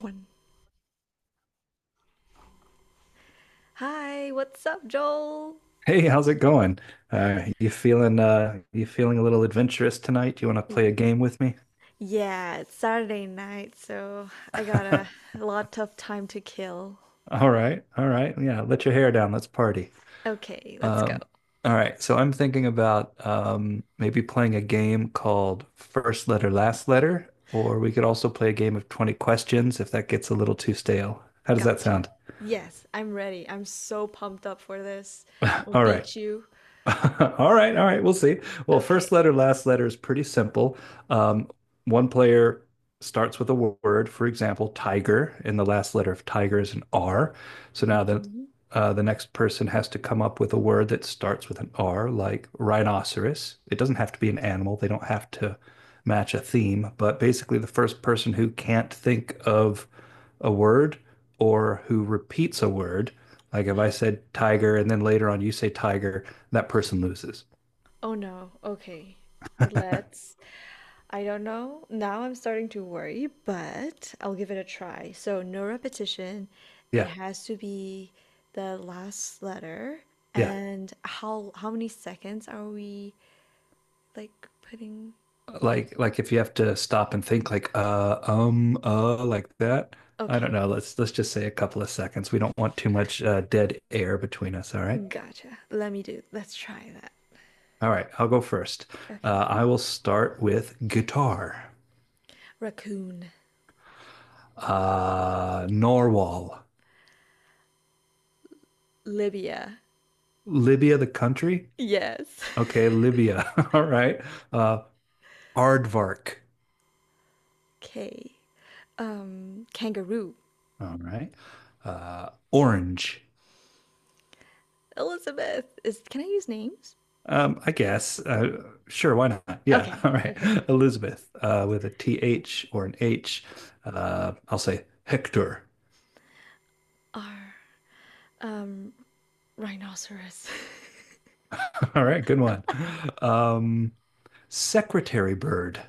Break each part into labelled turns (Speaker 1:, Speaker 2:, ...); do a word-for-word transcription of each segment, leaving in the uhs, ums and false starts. Speaker 1: One. Hi, what's up, Joel?
Speaker 2: Hey, how's it going? Uh, you feeling uh, you feeling a little adventurous tonight? You want to play a game with me?
Speaker 1: Yeah, it's Saturday night, so I got a
Speaker 2: All
Speaker 1: lot of time to kill.
Speaker 2: right, all right, yeah. Let your hair down. Let's party.
Speaker 1: Okay, let's go.
Speaker 2: Um, all right. So I'm thinking about um, maybe playing a game called First Letter, Last Letter, or we could also play a game of twenty questions if that gets a little too stale. How does that
Speaker 1: Gotcha.
Speaker 2: sound?
Speaker 1: Yes, I'm ready. I'm so pumped up for this. I'll
Speaker 2: All right.
Speaker 1: beat you.
Speaker 2: All right, all right, we'll see. Well, first
Speaker 1: Okay.
Speaker 2: letter, last letter is pretty simple. Um, One player starts with a wo- word, for example, tiger, and the last letter of tiger is an R. So now the
Speaker 1: Hmm.
Speaker 2: uh, the next person has to come up with a word that starts with an R, like rhinoceros. It doesn't have to be an animal. They don't have to match a theme, but basically, the first person who can't think of a word or who repeats a word, like if I said tiger and then later on you say tiger that person loses.
Speaker 1: Oh no. Okay. Let's I don't know. Now I'm starting to worry, but I'll give it a try. So, no repetition. It
Speaker 2: Yeah,
Speaker 1: has to be the last letter.
Speaker 2: yeah.
Speaker 1: And how how many seconds are we like putting?
Speaker 2: Like like if you have to stop and think like uh um uh like that. I
Speaker 1: Okay,
Speaker 2: don't know. Let's let's just say a couple of seconds. We don't want too much uh, dead air between us. All right.
Speaker 1: gotcha. Let me do. Let's try that.
Speaker 2: All right. I'll go first.
Speaker 1: Okay.
Speaker 2: Uh, I will start with guitar.
Speaker 1: Raccoon.
Speaker 2: Uh, Norwal,
Speaker 1: Libya.
Speaker 2: Libya, the country.
Speaker 1: Yes.
Speaker 2: Okay, Libya. All right. Uh, Aardvark.
Speaker 1: K. Um, kangaroo.
Speaker 2: All right. Uh, orange.
Speaker 1: Elizabeth. Is can I use names?
Speaker 2: Um, I guess. Uh, sure, why not? Yeah.
Speaker 1: Okay,
Speaker 2: All right.
Speaker 1: okay.
Speaker 2: Elizabeth, uh, with a T H or an H. Uh, I'll say Hector.
Speaker 1: R. Um, Rhinoceros.
Speaker 2: All right, good one. Um, secretary bird.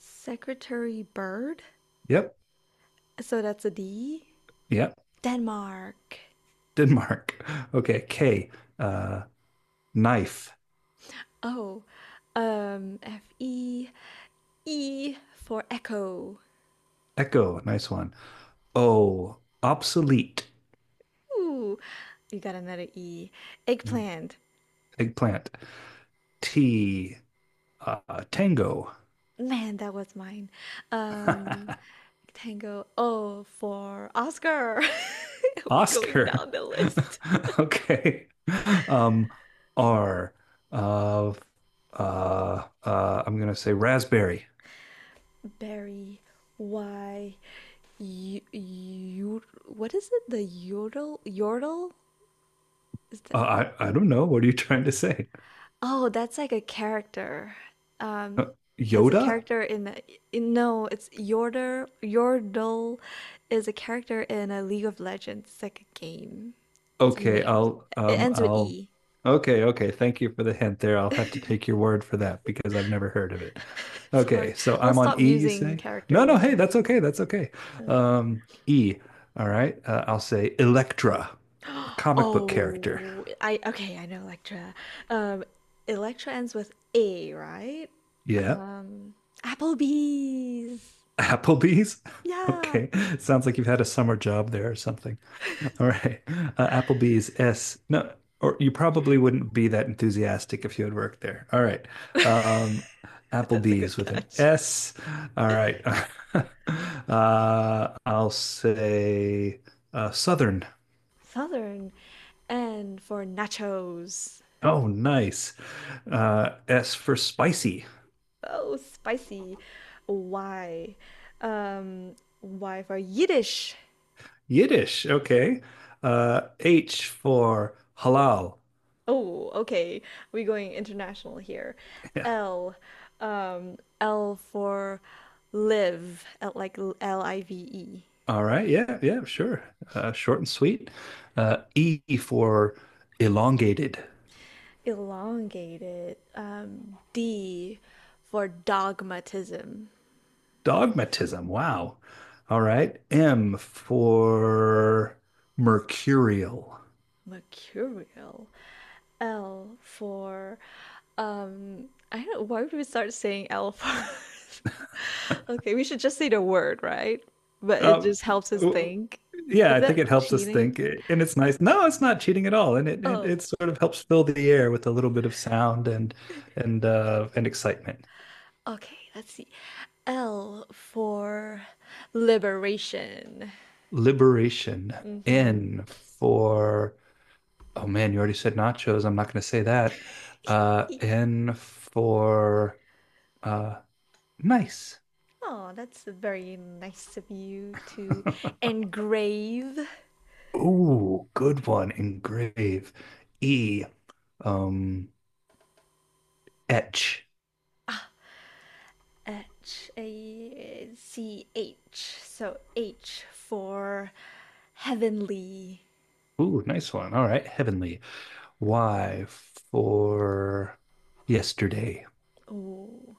Speaker 1: Secretary bird.
Speaker 2: Yep.
Speaker 1: So that's a D.
Speaker 2: Yep.
Speaker 1: Denmark.
Speaker 2: Denmark. Okay. K. Uh, knife.
Speaker 1: Oh, um, F E E for echo.
Speaker 2: Echo. Nice one. O. Obsolete.
Speaker 1: Ooh, you got another E.
Speaker 2: Hmm,
Speaker 1: Eggplant.
Speaker 2: Eggplant. T. Uh, tango.
Speaker 1: Man, that was mine. Um, Tango. O for Oscar. We going
Speaker 2: Oscar.
Speaker 1: down the list.
Speaker 2: Okay. Um, R. Uh, uh, uh, I'm gonna say raspberry.
Speaker 1: Berry. Y. Y- yod- what is it? The yodel? Yodel? Is that?
Speaker 2: Uh, I I don't know. What are you trying to say?
Speaker 1: Oh, that's like a character.
Speaker 2: Uh,
Speaker 1: Um, it's a
Speaker 2: Yoda?
Speaker 1: character in, a, in No, it's Yordle. Yordle is a character in a League of Legends. It's like a game. It's a
Speaker 2: Okay,
Speaker 1: name of
Speaker 2: I'll
Speaker 1: It
Speaker 2: um
Speaker 1: ends with
Speaker 2: I'll
Speaker 1: E.
Speaker 2: okay, okay. Thank you for the hint there. I'll have to take your word for that because I've never heard of it. Okay,
Speaker 1: Sorry,
Speaker 2: so
Speaker 1: I'll
Speaker 2: I'm on
Speaker 1: stop
Speaker 2: E, you
Speaker 1: using
Speaker 2: say? No,
Speaker 1: character
Speaker 2: no, hey, that's
Speaker 1: names.
Speaker 2: okay. That's okay.
Speaker 1: Okay.
Speaker 2: Um, E. All right. Uh, I'll say Electra, a comic book character.
Speaker 1: Oh, I okay, I know Electra. Um, Electra ends with A, right?
Speaker 2: Yeah.
Speaker 1: Um, Applebee's.
Speaker 2: Applebee's?
Speaker 1: Yeah.
Speaker 2: Okay. Sounds like you've had a summer job there or something. All right. Uh, Applebee's S. No, or you probably wouldn't be that enthusiastic if you had worked there. All right.
Speaker 1: Yeah.
Speaker 2: Um,
Speaker 1: That's a
Speaker 2: Applebee's
Speaker 1: good
Speaker 2: with an
Speaker 1: catch.
Speaker 2: S. All right. Uh, I'll say uh, Southern.
Speaker 1: Southern. And for nachos.
Speaker 2: Oh, nice. Uh, S for spicy.
Speaker 1: Oh, spicy. Why? Um, why for Yiddish?
Speaker 2: Yiddish. Okay. Uh, H for halal.
Speaker 1: Oh, okay. We're going international here. L. Um, L for live. L, like L I V E.
Speaker 2: All right. Yeah. Yeah. Sure. Uh, short and sweet. Uh, E for elongated
Speaker 1: Elongated. Um, D for dogmatism.
Speaker 2: dogmatism. Wow. All right. M for mercurial.
Speaker 1: Mercurial. L for Um, I don't. Why would we start saying L first? Okay, we should just say the word, right? But it
Speaker 2: Uh,
Speaker 1: just helps us
Speaker 2: w-
Speaker 1: think.
Speaker 2: yeah.
Speaker 1: Is
Speaker 2: I think
Speaker 1: that
Speaker 2: it helps us
Speaker 1: cheating?
Speaker 2: think, and it's nice. No, it's not cheating at all, and it it,
Speaker 1: Oh,
Speaker 2: it sort of helps fill the air with a little bit of sound and and uh, and excitement.
Speaker 1: okay. Let's see. L for liberation.
Speaker 2: Liberation.
Speaker 1: Mm-hmm.
Speaker 2: N for Oh man, you already said nachos. I'm not going to say that. Uh, N for uh, nice.
Speaker 1: Oh, that's very nice of you to engrave.
Speaker 2: Ooh, good one. Engrave. E. Um, etch.
Speaker 1: H A C H. So H for heavenly.
Speaker 2: Ooh, nice one. All right, heavenly. Y for yesterday.
Speaker 1: Oh,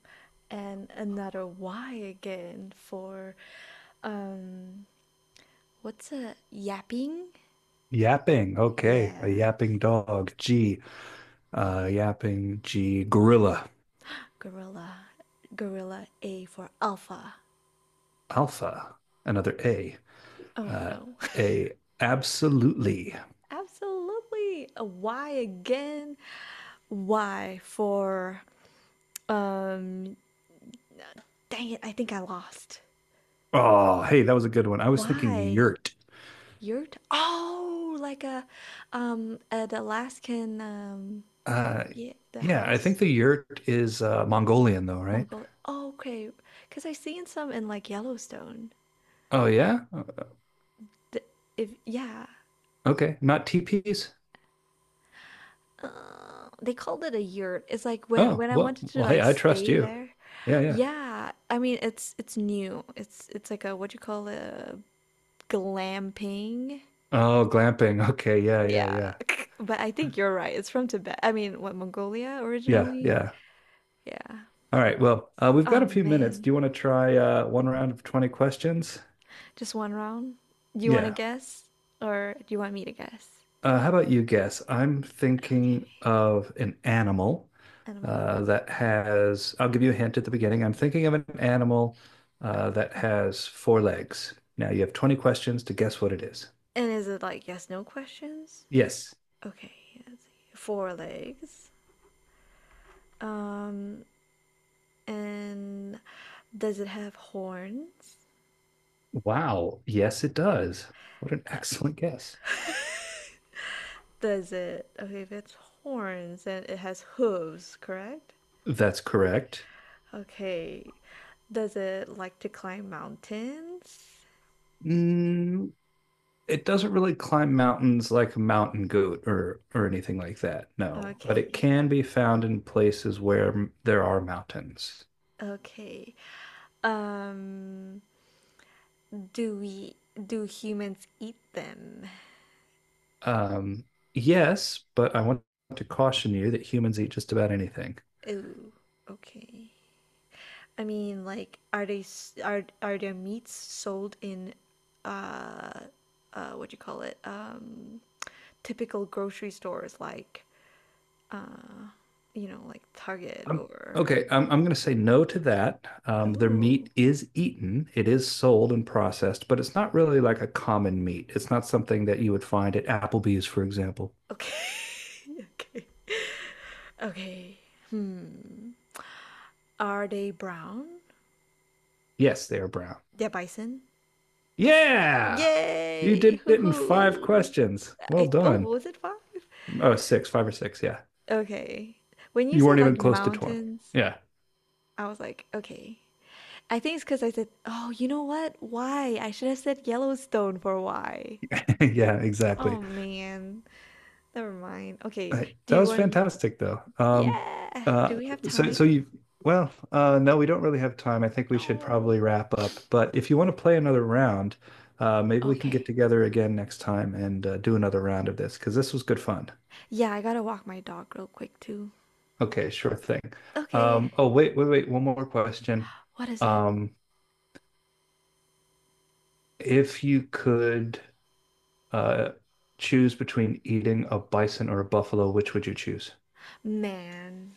Speaker 1: and another Y again for um what's a yapping?
Speaker 2: Yapping. Okay, a
Speaker 1: Yeah,
Speaker 2: yapping dog. G. Uh, yapping. G. Gorilla.
Speaker 1: gorilla. Gorilla. A for alpha.
Speaker 2: Alpha. Another A.
Speaker 1: Oh
Speaker 2: Uh,
Speaker 1: no.
Speaker 2: A. Absolutely.
Speaker 1: Absolutely. A Y again. Y for um dang it, I think I lost.
Speaker 2: Oh, hey, that was a good one. I was thinking
Speaker 1: Y.
Speaker 2: yurt.
Speaker 1: You're t- oh, like a um an Alaskan. Um
Speaker 2: Uh,
Speaker 1: yeah, the
Speaker 2: yeah, I think
Speaker 1: house.
Speaker 2: the yurt is uh, Mongolian though, right?
Speaker 1: Mongolia. Oh, okay. Because I've seen some in like Yellowstone.
Speaker 2: Oh yeah?
Speaker 1: The, if Yeah,
Speaker 2: Okay, not teepees?
Speaker 1: uh, they called it a yurt. It's like when
Speaker 2: Oh,
Speaker 1: when I
Speaker 2: well,
Speaker 1: wanted to
Speaker 2: well, hey,
Speaker 1: like
Speaker 2: I trust
Speaker 1: stay
Speaker 2: you.
Speaker 1: there.
Speaker 2: Yeah, yeah.
Speaker 1: Yeah, I mean it's it's new. It's it's like a what do you call it? A glamping.
Speaker 2: Oh, glamping. Okay, yeah, yeah,
Speaker 1: Yeah,
Speaker 2: yeah.
Speaker 1: but I think you're right. It's from Tibet. I mean, what Mongolia
Speaker 2: Yeah,
Speaker 1: originally?
Speaker 2: yeah.
Speaker 1: Yeah.
Speaker 2: All right. Well, uh, we've got
Speaker 1: Oh
Speaker 2: a few minutes.
Speaker 1: man,
Speaker 2: Do you want to try uh, one round of twenty questions?
Speaker 1: just one round. Do you want to
Speaker 2: Yeah.
Speaker 1: guess, or do you want me to guess?
Speaker 2: Uh, how about you guess? I'm
Speaker 1: Okay,
Speaker 2: thinking of an animal
Speaker 1: animal.
Speaker 2: uh, that has, I'll give you a hint at the beginning. I'm thinking of an animal uh, that has four legs. Now you have twenty questions to guess what it is.
Speaker 1: And is it like yes, no questions?
Speaker 2: Yes.
Speaker 1: Okay, let's see. Four legs. Um, and Does it have horns?
Speaker 2: Wow. Yes, it does. What an
Speaker 1: Uh,
Speaker 2: excellent guess.
Speaker 1: does it? Okay, if it's horns, then it has hooves, correct?
Speaker 2: That's correct.
Speaker 1: Okay. Does it like to climb mountains?
Speaker 2: Mm, it doesn't really climb mountains like a mountain goat or or anything like that, no. But it
Speaker 1: Okay.
Speaker 2: can be found in places where m- there are mountains.
Speaker 1: Okay. Um, do we do humans eat them?
Speaker 2: Um, yes, but I want to caution you that humans eat just about anything.
Speaker 1: Ooh, okay. I mean, like, are they are are their meats sold in uh uh what do you call it? Um, typical grocery stores like uh you know like Target
Speaker 2: Um,
Speaker 1: or
Speaker 2: okay, I'm, I'm going to say no to that. Um, their
Speaker 1: oh
Speaker 2: meat is eaten, it is sold and processed, but it's not really like a common meat. It's not something that you would find at Applebee's, for example.
Speaker 1: okay okay okay hmm are they brown?
Speaker 2: Yes, they are brown.
Speaker 1: They're bison.
Speaker 2: Yeah, you
Speaker 1: Yay!
Speaker 2: did
Speaker 1: Hoo
Speaker 2: it in five
Speaker 1: hoo!
Speaker 2: questions. Well
Speaker 1: I oh
Speaker 2: done.
Speaker 1: was it five?
Speaker 2: Oh, six, five or six. Yeah,
Speaker 1: Okay. When you
Speaker 2: you weren't
Speaker 1: said like
Speaker 2: even close to twenty.
Speaker 1: mountains,
Speaker 2: Yeah,
Speaker 1: I was like, okay. I think it's because I said, oh, you know what? Why? I should have said Yellowstone for why.
Speaker 2: yeah,
Speaker 1: Oh
Speaker 2: exactly.
Speaker 1: man. Never mind. Okay.
Speaker 2: Hey,
Speaker 1: Do
Speaker 2: that
Speaker 1: you
Speaker 2: was
Speaker 1: want.
Speaker 2: fantastic, though. Um,
Speaker 1: Yeah. Do
Speaker 2: uh,
Speaker 1: we have
Speaker 2: so,
Speaker 1: time?
Speaker 2: so you, well, uh, no, we don't really have time. I think we should
Speaker 1: No.
Speaker 2: probably wrap up. But if you want to play another round, uh, maybe we can get
Speaker 1: Okay.
Speaker 2: together again next time and uh, do another round of this because this was good fun.
Speaker 1: Yeah, I gotta walk my dog real quick too.
Speaker 2: Okay, sure thing.
Speaker 1: Okay.
Speaker 2: Um, oh, wait, wait, wait. One more question.
Speaker 1: What is it?
Speaker 2: Um, if you could uh, choose between eating a bison or a buffalo, which would you choose?
Speaker 1: Man.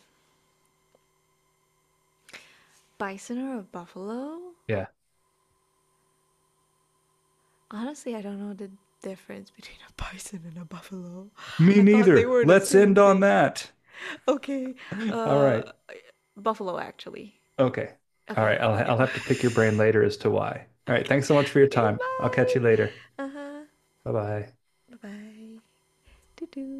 Speaker 1: Bison or a buffalo?
Speaker 2: Yeah.
Speaker 1: Honestly, I don't know the difference between a bison and a buffalo.
Speaker 2: Me
Speaker 1: I thought they
Speaker 2: neither.
Speaker 1: were the
Speaker 2: Let's end
Speaker 1: same
Speaker 2: on
Speaker 1: thing.
Speaker 2: that.
Speaker 1: Okay.
Speaker 2: All
Speaker 1: Uh,
Speaker 2: right.
Speaker 1: Buffalo actually.
Speaker 2: Okay. All right.
Speaker 1: Okay.
Speaker 2: I'll
Speaker 1: Yeah.
Speaker 2: I'll have to pick your brain later as to why. All right.
Speaker 1: Okay.
Speaker 2: Thanks so much for your
Speaker 1: Okay,
Speaker 2: time. I'll catch you later.
Speaker 1: bye. Uh-huh.
Speaker 2: Bye bye.
Speaker 1: Bye-bye. Doo doo.